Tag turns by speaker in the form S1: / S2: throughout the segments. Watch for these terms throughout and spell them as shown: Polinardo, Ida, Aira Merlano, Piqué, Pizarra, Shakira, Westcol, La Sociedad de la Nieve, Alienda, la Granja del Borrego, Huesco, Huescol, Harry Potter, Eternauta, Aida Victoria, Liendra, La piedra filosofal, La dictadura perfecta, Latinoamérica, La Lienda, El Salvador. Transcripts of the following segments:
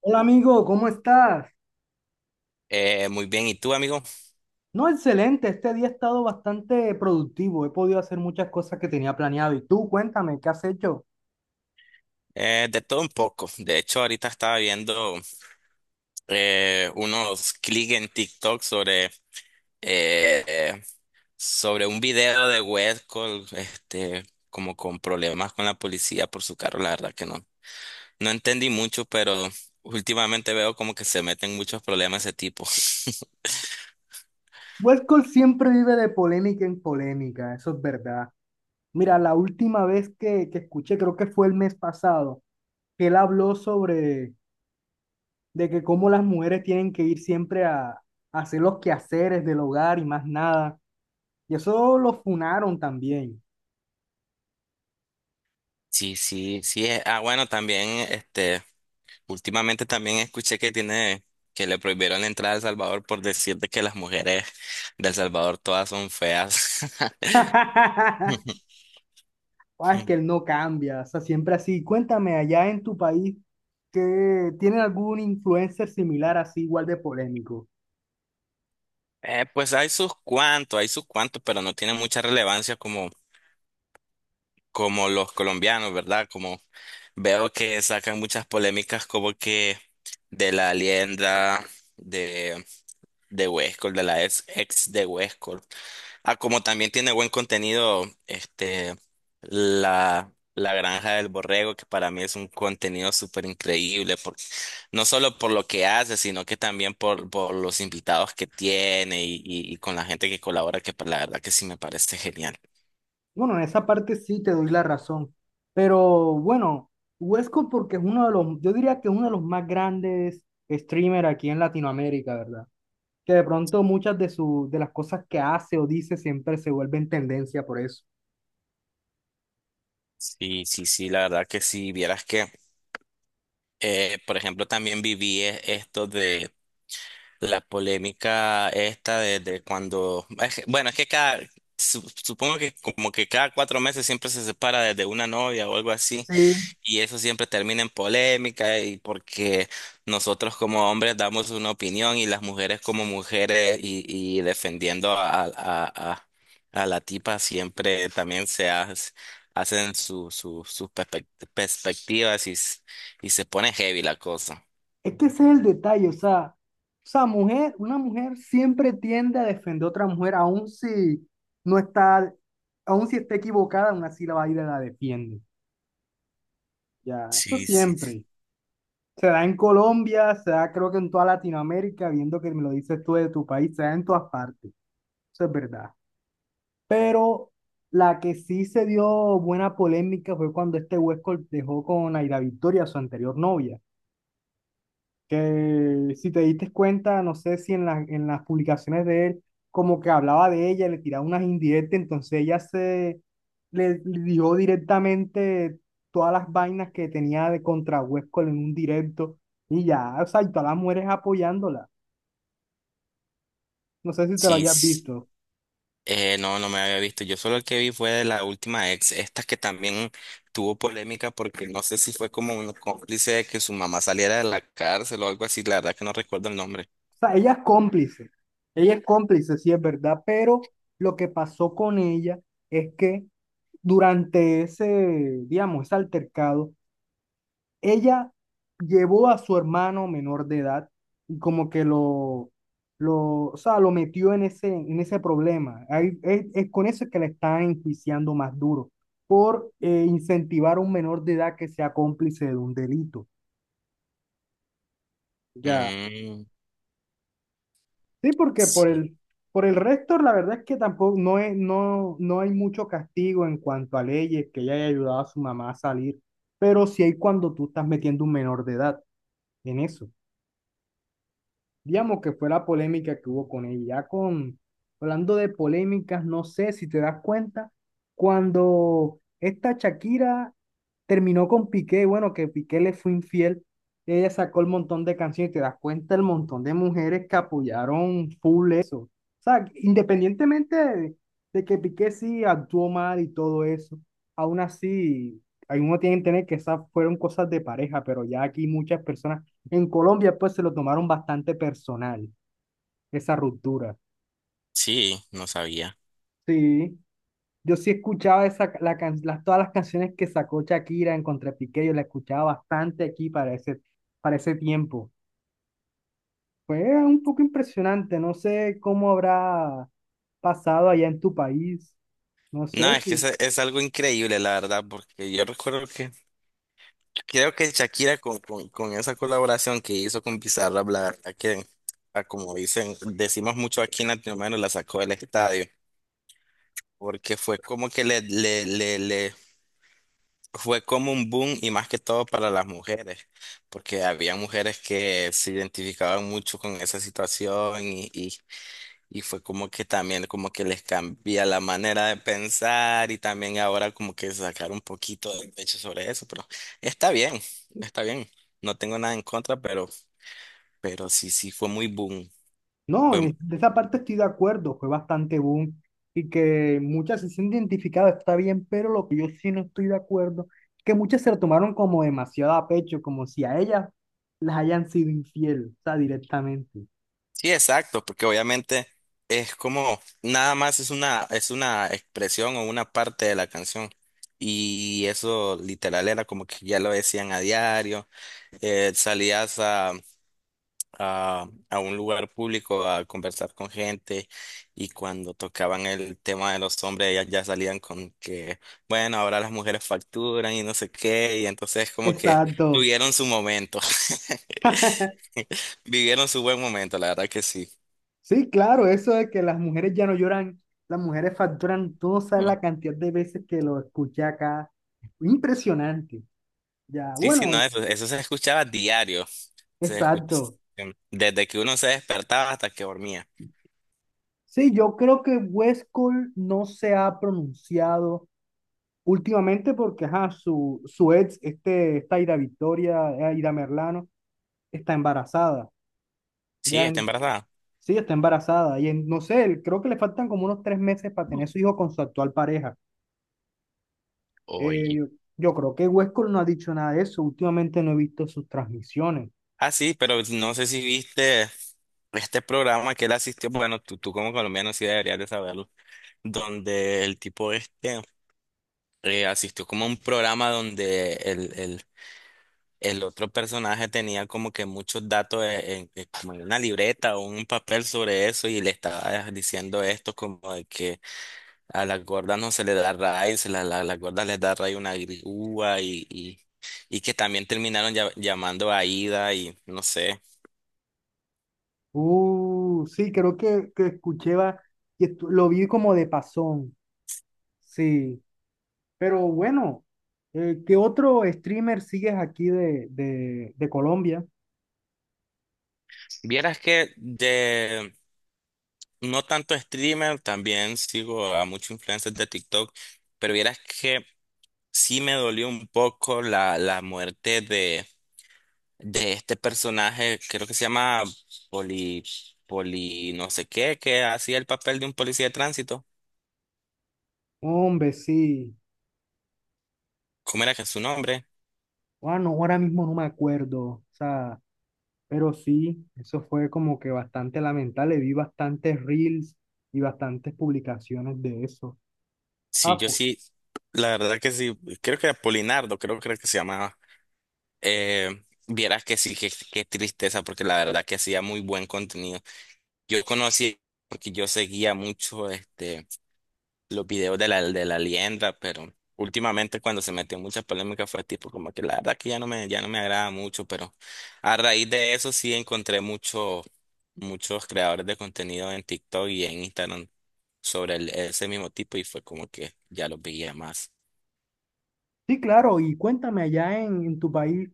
S1: Hola amigo, ¿cómo estás?
S2: Muy bien, ¿y tú, amigo?
S1: No, excelente, este día ha estado bastante productivo, he podido hacer muchas cosas que tenía planeado. Y tú, cuéntame, ¿qué has hecho?
S2: De todo un poco. De hecho, ahorita estaba viendo unos clics en TikTok sobre, eh, sobre un video de Westcol, este, como con problemas con la policía por su carro. La verdad que no entendí mucho, pero últimamente veo como que se meten muchos problemas de ese tipo.
S1: Westcol siempre vive de polémica en polémica, eso es verdad. Mira, la última vez que escuché, creo que fue el mes pasado, que él habló sobre de que cómo las mujeres tienen que ir siempre a hacer los quehaceres del hogar y más nada. Y eso lo funaron también.
S2: Sí, sí, sí. Ah, bueno, también este. Últimamente también escuché que que le prohibieron la entrada a El Salvador por decirte que las mujeres de El Salvador todas son feas.
S1: Ah, es que él no cambia, o sea, siempre así. Cuéntame, allá en tu país, ¿que tienen algún influencer similar así, igual de polémico?
S2: Pues hay sus cuantos, pero no tiene mucha relevancia como los colombianos, ¿verdad? Como veo que sacan muchas polémicas como que de la Alienda, de, de Huescol, de la ex de Huescol. Ah, como también tiene buen contenido, este, la Granja del Borrego, que para mí es un contenido súper increíble, no solo por lo que hace, sino que también por los invitados que tiene y con la gente que colabora, la verdad que sí me parece genial.
S1: Bueno, en esa parte sí te doy la razón, pero bueno, Huesco porque es uno de los, yo diría que es uno de los más grandes streamers aquí en Latinoamérica, ¿verdad? Que de pronto muchas de, su, de las cosas que hace o dice siempre se vuelven tendencia por eso.
S2: Sí, sí, sí, la verdad que sí, por ejemplo, también esto. La polémica esta de, bueno, es que supongo que como que cada cuatro meses siempre se separa de una novia o algo así,
S1: Sí.
S2: y eso siempre termina en polémica, y porque nosotros como hombres damos una opinión y las mujeres como mujeres y defendiendo a la tipa siempre también hacen sus perspectivas y se pone heavy la cosa.
S1: Es que ese es el detalle, o sea, mujer, una mujer siempre tiende a defender a otra mujer, aun si no está, aun si está equivocada, aún así la va a ir y la defiende. Ya, eso
S2: Sí, sí, sí.
S1: siempre. Se da en Colombia, se da creo que en toda Latinoamérica, viendo que me lo dices tú de tu país, se da en todas partes. Eso es verdad. Pero la que sí se dio buena polémica fue cuando este Huesco dejó con Aida Victoria, su anterior novia. Que si te diste cuenta, no sé si en, en las publicaciones de él, como que hablaba de ella, le tiraba unas indirectas, entonces ella se le dio directamente todas las vainas que tenía de contra Huesco en un directo y ya, o sea, y todas las mujeres apoyándola. No sé si te lo
S2: Sí.
S1: hayas visto.
S2: No, no me había visto. Yo solo el que vi fue de la última ex, esta que también tuvo polémica porque no sé si fue como un cómplice de que su mamá saliera de la cárcel o algo así. La verdad que no recuerdo el nombre.
S1: O sea, ella es cómplice, sí es verdad, pero lo que pasó con ella es que durante ese, digamos, ese altercado, ella llevó a su hermano menor de edad y como que lo, o sea, lo metió en ese problema. Es con eso que le están enjuiciando más duro, por incentivar a un menor de edad que sea cómplice de un delito. Ya.
S2: Mm,
S1: Sí, porque
S2: sí,
S1: por el resto, la verdad es que tampoco no, es, no, no hay mucho castigo en cuanto a leyes que ella haya ayudado a su mamá a salir, pero sí hay cuando tú estás metiendo un menor de edad en eso. Digamos que fue la polémica que hubo con ella. Ya con, hablando de polémicas, no sé si te das cuenta, cuando esta Shakira terminó con Piqué, bueno, que Piqué le fue infiel, ella sacó el montón de canciones, te das cuenta el montón de mujeres que apoyaron full eso. O sea, independientemente de que Piqué sí actuó mal y todo eso, aún así, algunos tienen que tener que esas fueron cosas de pareja, pero ya aquí muchas personas en Colombia, pues se lo tomaron bastante personal, esa ruptura.
S2: sí, no sabía.
S1: Sí, yo sí escuchaba esa, las, todas las canciones que sacó Shakira en Contra Piqué, yo la escuchaba bastante aquí para ese tiempo. Fue un poco impresionante, no sé cómo habrá pasado allá en tu país, no
S2: No,
S1: sé si.
S2: es algo increíble, la verdad, porque yo recuerdo que creo que Shakira con esa colaboración que hizo con Pizarra, la verdad que, ah, como dicen, decimos mucho aquí en Latinoamérica, la sacó del estadio, porque fue como que le fue como un boom y más que todo para las mujeres, porque había mujeres que se identificaban mucho con esa situación y fue como que también como que les cambia la manera de pensar y también ahora como que sacar un poquito de pecho sobre eso, pero está bien, está bien, no tengo nada en contra, pero sí, sí fue muy boom.
S1: No, de esa parte estoy de acuerdo, fue bastante boom y que muchas se sienten identificadas, está bien, pero lo que yo sí no estoy de acuerdo, que muchas se lo tomaron como demasiado a pecho, como si a ellas las hayan sido infiel, o sea, directamente.
S2: Sí, exacto, porque obviamente es como nada más es una expresión o una parte de la canción. Y eso literal era como que ya lo decían a diario, eh, salías a, a un lugar público a conversar con gente y cuando tocaban el tema de los hombres ellas ya salían con que, bueno, ahora las mujeres facturan y no sé qué, y entonces como que
S1: Exacto.
S2: tuvieron su momento, vivieron su buen momento, la verdad que sí.
S1: Sí, claro, eso de que las mujeres ya no lloran, las mujeres facturan, tú no sabes la cantidad de veces que lo escuché acá. Impresionante. Ya,
S2: Sí, sí,
S1: bueno,
S2: no, eso se escuchaba diario. Se escuch-
S1: exacto.
S2: desde que uno se despertaba hasta que dormía.
S1: Sí, yo creo que West Cole no se ha pronunciado últimamente porque ajá, su ex, este, esta Aira Victoria, Aira Merlano, está embarazada.
S2: Sí,
S1: Ya
S2: está
S1: en-
S2: embarazada.
S1: sí, está embarazada. Y no sé, creo que le faltan como unos tres meses para tener su hijo con su actual pareja. Eh,
S2: Oye.
S1: yo, yo creo que West Cole no ha dicho nada de eso. Últimamente no he visto sus transmisiones.
S2: Ah, sí, pero no sé si viste este programa que él asistió. Bueno, tú como colombiano sí deberías de saberlo. Donde el tipo este asistió como a un programa donde el otro personaje tenía como que muchos datos como en una libreta o un papel sobre eso y le estaba diciendo esto como de que a las gordas no se le da raíz, las gordas les da raíz una grúa y que también terminaron llamando a Ida y no sé.
S1: Sí, creo que escuché, lo vi como de pasón. Sí. Pero bueno, ¿qué otro streamer sigues aquí de Colombia?
S2: Vieras que de no tanto streamer, también sigo a muchos influencers de TikTok, pero vieras que sí me dolió un poco la muerte de este personaje, creo que se llama Poli, Poli no sé qué, que hacía el papel de un policía de tránsito.
S1: Hombre, sí.
S2: ¿Cómo era que es su nombre?
S1: Bueno, ahora mismo no me acuerdo. O sea, pero sí, eso fue como que bastante lamentable. Vi bastantes reels y bastantes publicaciones de eso.
S2: Sí,
S1: Ah,
S2: yo
S1: pues,
S2: sí, la verdad que sí, creo que era Polinardo, creo que se llamaba. Vieras que sí, tristeza, porque la verdad que hacía muy buen contenido. Yo conocí, porque yo seguía mucho este, los videos de de la Liendra, pero últimamente cuando se metió en muchas polémicas fue tipo como que la verdad que ya no me agrada mucho, pero a raíz de eso sí encontré muchos creadores de contenido en TikTok y en Instagram sobre ese mismo tipo y fue como que ya los veía más.
S1: sí, claro. Y cuéntame allá en tu país,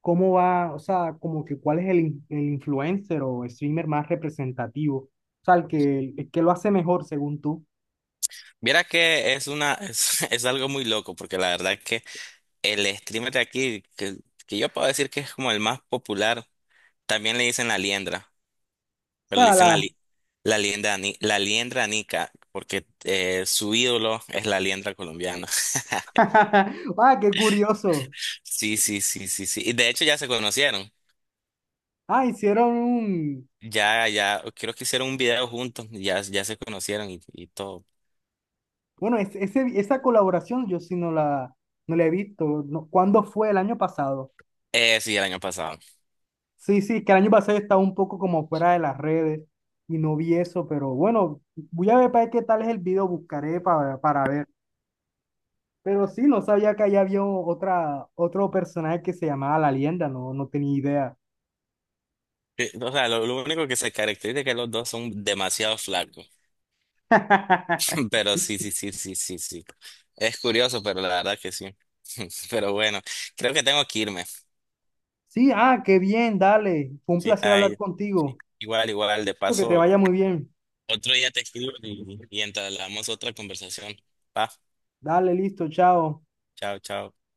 S1: ¿cómo va? O sea, como que cuál es el, el influencer o streamer más representativo. O sea, el que lo hace mejor según tú.
S2: Viera que es una, es, es algo muy loco, porque la verdad que el streamer de aquí, que yo puedo decir que es como el más popular, también le dicen la liendra,
S1: O
S2: pero le
S1: sea,
S2: dicen
S1: la,
S2: la liendra, la liendra nica, porque su ídolo es la liendra colombiana.
S1: ah, qué curioso.
S2: Sí, sí, sí, sí, sí. Y de hecho ya se conocieron.
S1: Ah, hicieron un...
S2: Ya, creo que hicieron un video juntos, ya se conocieron y todo.
S1: Bueno, ese, esa colaboración yo sí no la, no la he visto. No, ¿cuándo fue? El año pasado.
S2: Sí, el año pasado.
S1: Sí, sí, que el año pasado estaba un poco como fuera de las redes y no vi eso, pero bueno, voy a ver para ver qué tal es el video, buscaré para ver. Pero sí, no sabía que allá había otra, otro personaje que se llamaba La Lienda, no, no tenía idea.
S2: O sea, lo único que se caracteriza es que los dos son demasiado flacos. Pero sí, sí, sí, sí, sí, sí. Es curioso, pero la verdad que sí. Pero bueno, creo que tengo que irme.
S1: Sí, ah, qué bien, dale. Fue un
S2: Sí,
S1: placer hablar
S2: ay,
S1: contigo.
S2: igual, igual, de
S1: Espero que te
S2: paso,
S1: vaya muy bien.
S2: otro día te escribo y entablamos otra conversación. Va,
S1: Dale, listo, chao.
S2: chao, chao.